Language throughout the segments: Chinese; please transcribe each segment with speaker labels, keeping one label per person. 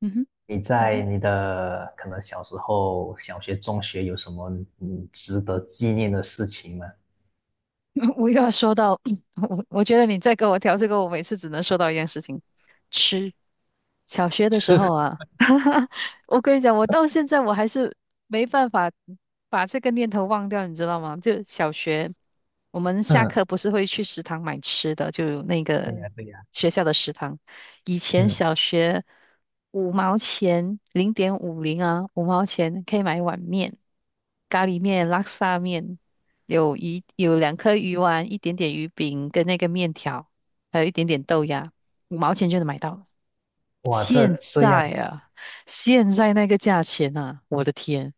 Speaker 1: 嗯哼，
Speaker 2: 你在你的可能小时候、小学、中学有什么值得纪念的事情吗？
Speaker 1: 我又要说到，我觉得你再跟我调这个，我每次只能说到一件事情，吃。小学的时候 啊，我跟你讲，我到现在我还是没办法把这个念头忘掉，你知道吗？就小学，我们下
Speaker 2: 嗯，
Speaker 1: 课不是会去食堂买吃的，就那
Speaker 2: 对
Speaker 1: 个
Speaker 2: 呀，对呀，
Speaker 1: 学校的食堂。以前
Speaker 2: 嗯，
Speaker 1: 小学五毛钱，0.50啊，五毛钱可以买一碗面，咖喱面、拉沙面。有2颗鱼丸，一点点鱼饼跟那个面条，还有一点点豆芽，五毛钱就能买到了。
Speaker 2: 哇，这
Speaker 1: 现
Speaker 2: 这
Speaker 1: 在
Speaker 2: 样，
Speaker 1: 啊，现在那个价钱啊，我的天！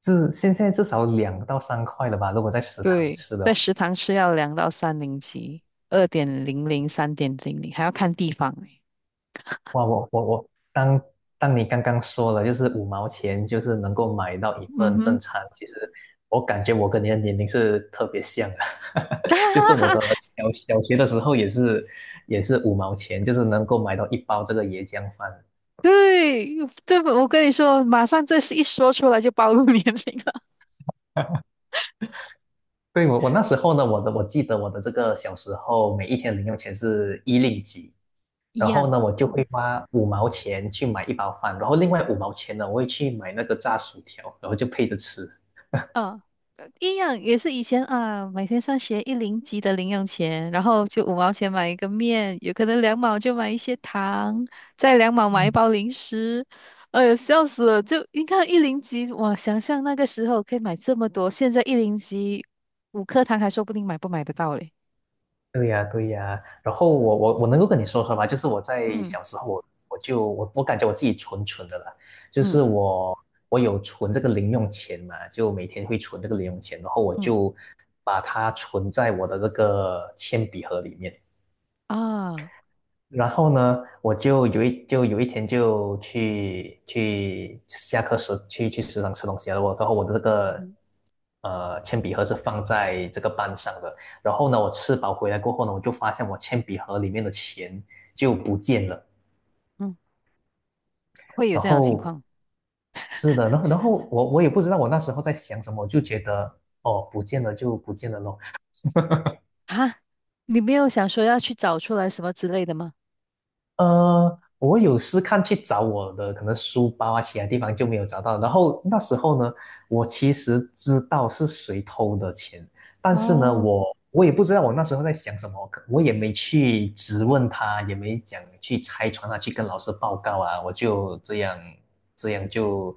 Speaker 2: 至现在至少2到3块了吧？如果在食堂
Speaker 1: 对，
Speaker 2: 吃的
Speaker 1: 在
Speaker 2: 话，
Speaker 1: 食堂吃要两到三零几，2.00、3.00，还要看地方欸
Speaker 2: 哇，我，当你刚刚说了，就是五毛钱就是能够买到一
Speaker 1: 嗯
Speaker 2: 份正
Speaker 1: 哼，
Speaker 2: 餐，其实我感觉我跟你的年龄是特别像的。就是我的 小学的时候也是五毛钱，就是能够买到一包这个椰浆饭。
Speaker 1: 对，我跟你说，马上这是一说出来就暴露年龄了，
Speaker 2: 对，我那时候呢，我记得我的这个小时候每一天零用钱是1令几，
Speaker 1: 一
Speaker 2: 然后
Speaker 1: 样。
Speaker 2: 呢，我就会花五毛钱去买一包饭，然后另外五毛钱呢，我会去买那个炸薯条，然后就配着吃。
Speaker 1: 嗯、一样也是以前啊，每天上学一零级的零用钱，然后就五毛钱买一个面，有可能两毛就买一些糖，再两毛买一
Speaker 2: 嗯，
Speaker 1: 包零食。哎呦，笑死了！就你看一零级，哇，想象那个时候可以买这么多，现在一零级5颗糖还说不定买不买得到嘞。
Speaker 2: 对呀，对呀。然后我能够跟你说说吧，就是我在
Speaker 1: 嗯
Speaker 2: 小时候我感觉我自己蠢蠢的啦，就
Speaker 1: 嗯
Speaker 2: 是我有存这个零用钱嘛，就每天会存这个零用钱，然后我
Speaker 1: 嗯
Speaker 2: 就把它存在我的这个铅笔盒里面。
Speaker 1: 啊，
Speaker 2: 然后呢，我就有一天就去下课时去食堂吃东西了。然后我的这个
Speaker 1: 嗯
Speaker 2: 铅笔盒是放在这个班上的。然后呢，我吃饱回来过后呢，我就发现我铅笔盒里面的钱就不见了。
Speaker 1: 嗯，会有
Speaker 2: 然
Speaker 1: 这样的情
Speaker 2: 后
Speaker 1: 况
Speaker 2: 是的，然后我也不知道我那时候在想什么，我就觉得哦不见了就不见了咯。
Speaker 1: 啊？你没有想说要去找出来什么之类的吗？
Speaker 2: 我有试看去找我的可能书包啊，其他地方就没有找到。然后那时候呢，我其实知道是谁偷的钱，但是呢，
Speaker 1: 哦，
Speaker 2: 我也不知道我那时候在想什么，可我也没去质问他，也没讲去拆穿他，去跟老师报告啊，我就这样这样就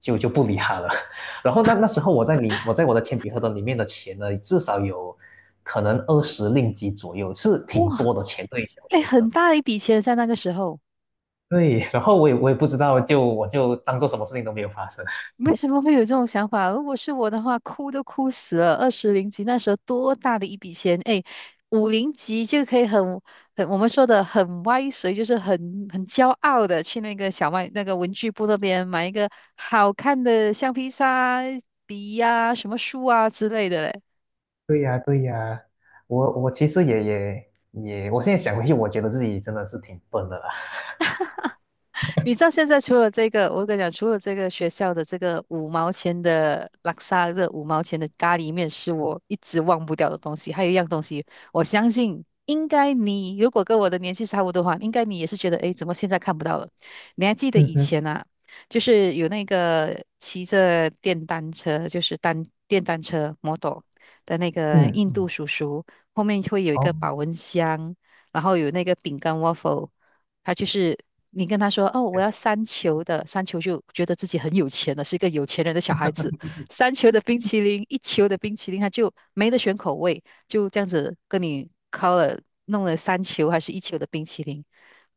Speaker 2: 就就不理他了。然后那时候我在我的铅笔盒的里面的钱呢，至少有可能20令吉左右，是挺
Speaker 1: 哇，
Speaker 2: 多的钱，对于小
Speaker 1: 哎，
Speaker 2: 学生。
Speaker 1: 很大一笔钱在那个时候。
Speaker 2: 对，然后我也不知道，就我就当做什么事情都没有发生。
Speaker 1: 为什么会有这种想法？如果是我的话，哭都哭死了。20零级那时候多大的一笔钱？哎，5零级就可以很我们说的很歪随，就是很骄傲的去那个小卖那个文具部那边买一个好看的橡皮擦、笔呀、什么书啊之类的。
Speaker 2: 对呀，对呀，我其实也，我现在想回去，我觉得自己真的是挺笨的啦。
Speaker 1: 你知道现在除了这个，我跟你讲，除了这个学校的这个五毛钱的拉萨这五毛钱的咖喱面是我一直忘不掉的东西，还有一样东西，我相信应该你如果跟我的年纪差不多的话，应该你也是觉得，诶，怎么现在看不到了？你还记得
Speaker 2: 嗯，
Speaker 1: 以
Speaker 2: 嗯，
Speaker 1: 前啊，就是有那个骑着电单车，就是单电单车 model 的那个
Speaker 2: 嗯，
Speaker 1: 印度
Speaker 2: 嗯，
Speaker 1: 叔叔，后面会有一个
Speaker 2: 哦，
Speaker 1: 保温箱，然后有那个饼干 waffle。他就是你跟他说哦，我
Speaker 2: 哎，
Speaker 1: 要三球的，三球就觉得自己很有钱了，是一个有钱人的小孩子。三球的冰淇淋，一球的冰淇淋，他就没得选口味，就这样子跟你敲了弄了三球还是一球的冰淇淋，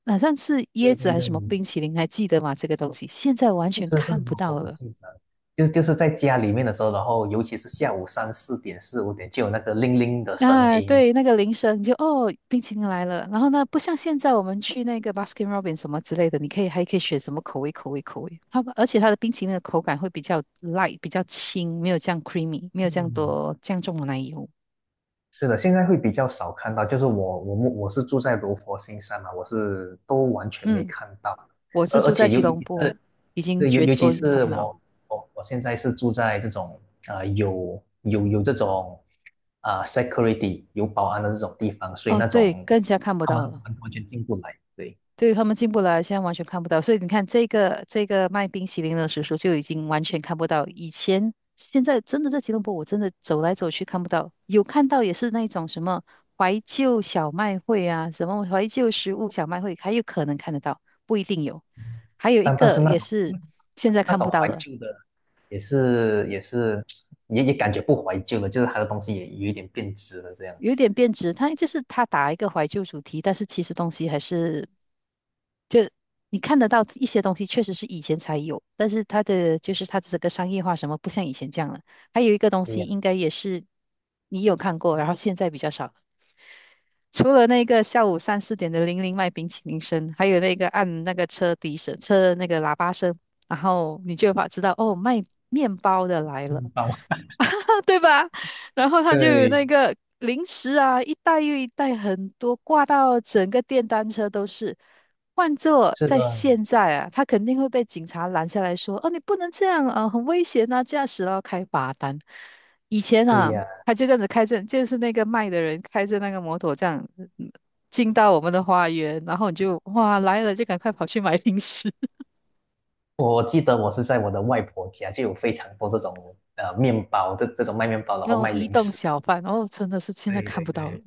Speaker 1: 好像是椰
Speaker 2: 对
Speaker 1: 子
Speaker 2: 对
Speaker 1: 还
Speaker 2: 对，
Speaker 1: 是什么冰淇淋，还记得吗？这个东西现在完全
Speaker 2: 是是，
Speaker 1: 看不
Speaker 2: 我
Speaker 1: 到
Speaker 2: 不
Speaker 1: 了。
Speaker 2: 记得，就是在家里面的时候，然后尤其是下午三四点、四五点，就有那个铃铃的声
Speaker 1: 啊，
Speaker 2: 音。
Speaker 1: 对，那个铃声你就哦，冰淇淋来了。然后呢，不像现在我们去那个 Baskin Robbins 什么之类的，你可以还可以选什么口味，口味，口味。而且它的冰淇淋的口感会比较 light，比较轻，没有这样 creamy，没有这样
Speaker 2: 嗯，
Speaker 1: 多这样重的奶油。
Speaker 2: 是的，现在会比较少看到，就是我是住在罗佛新山嘛，我是都完全没
Speaker 1: 嗯，
Speaker 2: 看到，
Speaker 1: 我是
Speaker 2: 而而
Speaker 1: 住在
Speaker 2: 且
Speaker 1: 吉
Speaker 2: 尤其
Speaker 1: 隆坡，
Speaker 2: 是，
Speaker 1: 已经
Speaker 2: 对，尤
Speaker 1: 绝
Speaker 2: 尤其
Speaker 1: 我已看
Speaker 2: 是
Speaker 1: 不到。
Speaker 2: 我现在是住在这种有这种security 有保安的这种地方，所以
Speaker 1: 哦，
Speaker 2: 那
Speaker 1: 对，
Speaker 2: 种
Speaker 1: 更加看不
Speaker 2: 他们
Speaker 1: 到了。
Speaker 2: 完全进不来，对，
Speaker 1: 对他们进不了，现在完全看不到。所以你看，这个卖冰淇淋的叔叔就已经完全看不到。以前现在真的在吉隆坡，我真的走来走去看不到，有看到也是那种什么怀旧小卖会啊，什么怀旧食物小卖会，还有可能看得到，不一定有。还有一
Speaker 2: 但是
Speaker 1: 个
Speaker 2: 那
Speaker 1: 也
Speaker 2: 种
Speaker 1: 是现在
Speaker 2: 那
Speaker 1: 看
Speaker 2: 种
Speaker 1: 不到
Speaker 2: 怀
Speaker 1: 的，
Speaker 2: 旧的也是也是也也感觉不怀旧了，就是它的东西也有一点变质了这样。
Speaker 1: 有一点变质，它就是它打一个怀旧主题，但是其实东西还是就你看得到一些东西，确实是以前才有，但是它的就是它的这个商业化什么不像以前这样了。还有一个东
Speaker 2: 对
Speaker 1: 西，
Speaker 2: 呀，
Speaker 1: 应该也是你有看过，然后现在比较少了除了那个下午3、4点的铃铃卖冰淇淋声，还有那个按那个车笛声、车那个喇叭声，然后你就把知道哦，卖面包的来了，
Speaker 2: 面包。
Speaker 1: 对吧？然后他就有
Speaker 2: 对。
Speaker 1: 那个零食啊，一袋又一袋，很多挂到整个电单车都是。换做
Speaker 2: 是
Speaker 1: 在
Speaker 2: 的，
Speaker 1: 现在啊，他肯定会被警察拦下来说：“哦，你不能这样啊，很危险啊，驾驶了开罚单。”以前
Speaker 2: 对
Speaker 1: 啊，
Speaker 2: 呀，
Speaker 1: 他就这样子开着，就是那个卖的人开着那个摩托这样嗯进到我们的花园，然后你就哇来了就赶快跑去买零食，
Speaker 2: 我记得我是在我的外婆家就有非常多这种面包，这种卖面包，然
Speaker 1: 那
Speaker 2: 后
Speaker 1: 种
Speaker 2: 卖
Speaker 1: 移
Speaker 2: 零
Speaker 1: 动
Speaker 2: 食，
Speaker 1: 小贩，哦，真的是现在
Speaker 2: 对
Speaker 1: 看
Speaker 2: 对
Speaker 1: 不到了
Speaker 2: 对，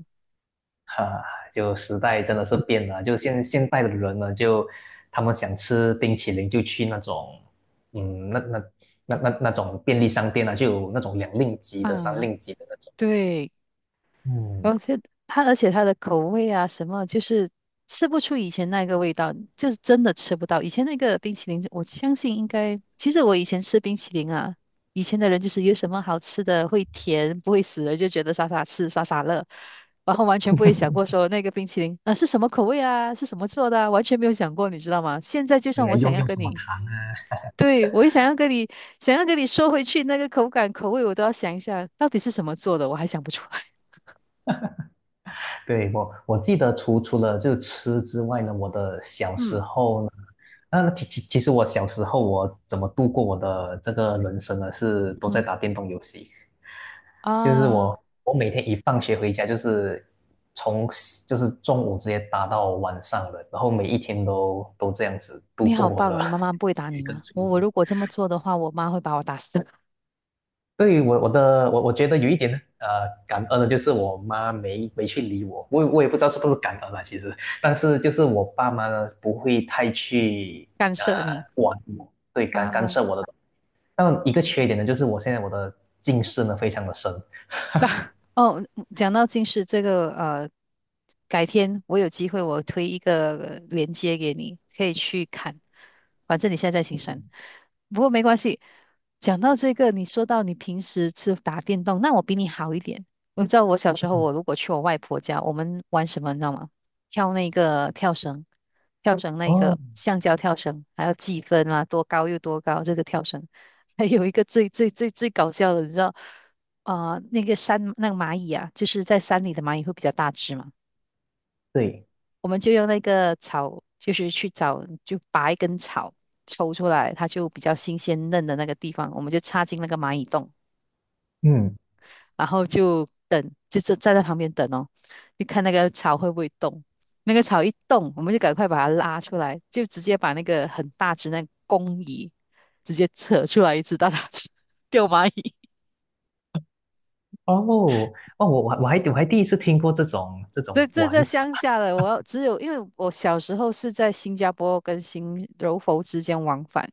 Speaker 2: 哈、就时代真的是变了，就现代的人呢，就他们想吃冰淇淋就去那种，嗯，那种便利商店啊，就有那种2令吉的、三
Speaker 1: 啊，
Speaker 2: 令吉的那种，
Speaker 1: 对。
Speaker 2: 嗯，
Speaker 1: 而且而且它的口味啊，什么就是吃不出以前那个味道，就是真的吃不到。以前那个冰淇淋，我相信应该，其实我以前吃冰淇淋啊，以前的人就是有什么好吃的，会甜，不会死人，就觉得傻傻吃，傻傻乐，然后完全不会想过说那个冰淇淋啊、是什么口味啊，是什么做的啊完全没有想过，你知道吗？现在就
Speaker 2: 对
Speaker 1: 算
Speaker 2: 呀，
Speaker 1: 我想
Speaker 2: 用
Speaker 1: 要
Speaker 2: 用
Speaker 1: 跟
Speaker 2: 什么
Speaker 1: 你，
Speaker 2: 糖，
Speaker 1: 对，我也想要跟你，想要跟你说回去那个口感、口味，我都要想一下到底是什么做的，我还想不出来。
Speaker 2: 对，我记得除了就吃之外呢，我的 小时
Speaker 1: 嗯
Speaker 2: 候呢，那其实我小时候我怎么度过我的这个人生呢？是都在
Speaker 1: 嗯。
Speaker 2: 打电动游戏，就是
Speaker 1: 啊，
Speaker 2: 我每天一放学回家就是从就是中午直接打到晚上的，然后每一天都这样子度
Speaker 1: 你
Speaker 2: 过
Speaker 1: 好
Speaker 2: 我
Speaker 1: 棒
Speaker 2: 的
Speaker 1: 哦！你妈 妈
Speaker 2: 小
Speaker 1: 不会打你
Speaker 2: 学跟
Speaker 1: 吗？
Speaker 2: 初
Speaker 1: 我
Speaker 2: 中。
Speaker 1: 如果这么做的话，我妈会把我打死，
Speaker 2: 对，我我的我我觉得有一点呢，感恩的，就是我妈没去理我，我也不知道是不是感恩啊，其实，但是就是我爸妈呢不会太去
Speaker 1: 干
Speaker 2: 呃
Speaker 1: 涉你
Speaker 2: 管我，对，干干
Speaker 1: 啊。
Speaker 2: 涉我的。但一个缺点呢，就是我现在我的近视呢非常的深。
Speaker 1: 哦，嗯讲到近视这个，改天我有机会我推一个链接给你，可以去看。反正你现在在行山，不过没关系。讲到这个，你说到你平时是打电动，那我比你好一点。你知道我小时候，
Speaker 2: 嗯，
Speaker 1: 我如果去我外婆家，我们玩什么，你知道吗？跳那个跳绳，跳绳那
Speaker 2: 哦，
Speaker 1: 个橡胶跳绳，还要计分啊，多高又多高，这个跳绳。还有一个最最最最搞笑的，你知道？啊，那个山那个蚂蚁啊，就是在山里的蚂蚁会比较大只嘛，
Speaker 2: 对，
Speaker 1: 我们就用那个草，就是去找，就拔一根草抽出来，它就比较新鲜嫩的那个地方，我们就插进那个蚂蚁洞，
Speaker 2: 嗯，
Speaker 1: 然后就等，就站在旁边等哦，就看那个草会不会动。那个草一动，我们就赶快把它拉出来，就直接把那个很大只那个公蚁直接扯出来一只大大只，给我蚂蚁。
Speaker 2: 哦哦，我第一次听过这种这
Speaker 1: 对，
Speaker 2: 种
Speaker 1: 这
Speaker 2: 玩
Speaker 1: 在
Speaker 2: 法。
Speaker 1: 乡下的，我要只有因为我小时候是在新加坡跟新柔佛之间往返，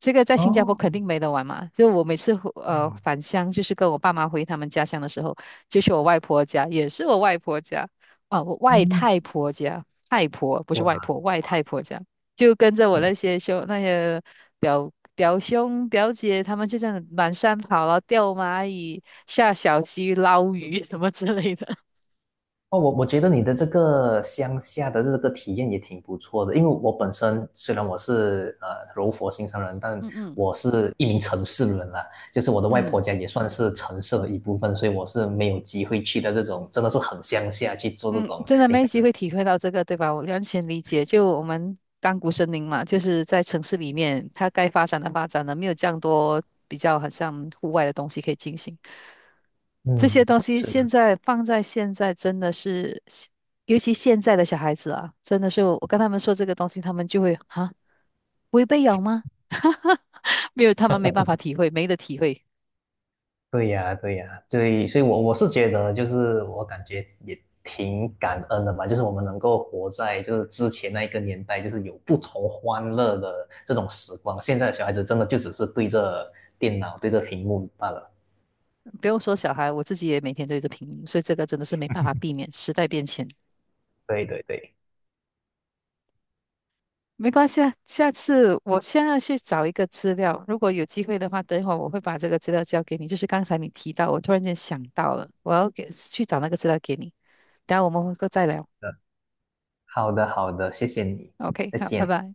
Speaker 1: 这个在新加坡
Speaker 2: 哦，
Speaker 1: 肯定没得玩嘛。就我每次回
Speaker 2: 对，
Speaker 1: 返乡，就是跟我爸妈回他们家乡的时候，就去我外婆家，也是我外婆家啊，我外
Speaker 2: 嗯，
Speaker 1: 太婆家，太婆不是外
Speaker 2: 哇。
Speaker 1: 婆，外太婆家，就跟着我
Speaker 2: 嗯。
Speaker 1: 那些表兄表姐，他们就这样满山跑了，然后钓蚂蚁、下小溪、捞鱼什么之类的。
Speaker 2: 哦，我觉得你的这个乡下的这个体验也挺不错的，因为我本身虽然我是柔佛新山人，但
Speaker 1: 嗯嗯。
Speaker 2: 我是一名城市人啦，就是我的外婆
Speaker 1: 嗯
Speaker 2: 家也算是城市的一部分，所以我是没有机会去的这种真的是很乡下去做这
Speaker 1: 嗯，
Speaker 2: 种
Speaker 1: 真的
Speaker 2: 你
Speaker 1: 没
Speaker 2: 刚
Speaker 1: 机
Speaker 2: 刚
Speaker 1: 会体会到这个，对吧？我完全理解。就我们甘谷森林嘛，就是在城市里面，它该发展的发展了，没有这样多比较好像户外的东西可以进行。这些
Speaker 2: 嗯。
Speaker 1: 东西现在放在现在，真的是，尤其现在的小孩子啊，真的是我跟他们说这个东西，他们就会啊，不会被咬吗？没有，他们没办法体会，没得体会。
Speaker 2: 对呀，对呀，所以，所以我是觉得，就是我感觉也挺感恩的吧，就是我们能够活在就是之前那一个年代，就是有不同欢乐的这种时光。现在的小孩子真的就只是对着电脑、对着屏幕罢了。
Speaker 1: 不用说小孩，我自己也每天对着屏幕，所以这个真的是没办法避免，时代变迁。
Speaker 2: 对对对，
Speaker 1: 没关系啊，下次我现在去找一个资料，如果有机会的话，等一会儿我会把这个资料交给你。就是刚才你提到，我突然间想到了，我要给去找那个资料给你。等一下我们会再聊。
Speaker 2: 嗯，好的好的，谢谢你，
Speaker 1: OK，
Speaker 2: 再
Speaker 1: 好，拜
Speaker 2: 见。
Speaker 1: 拜。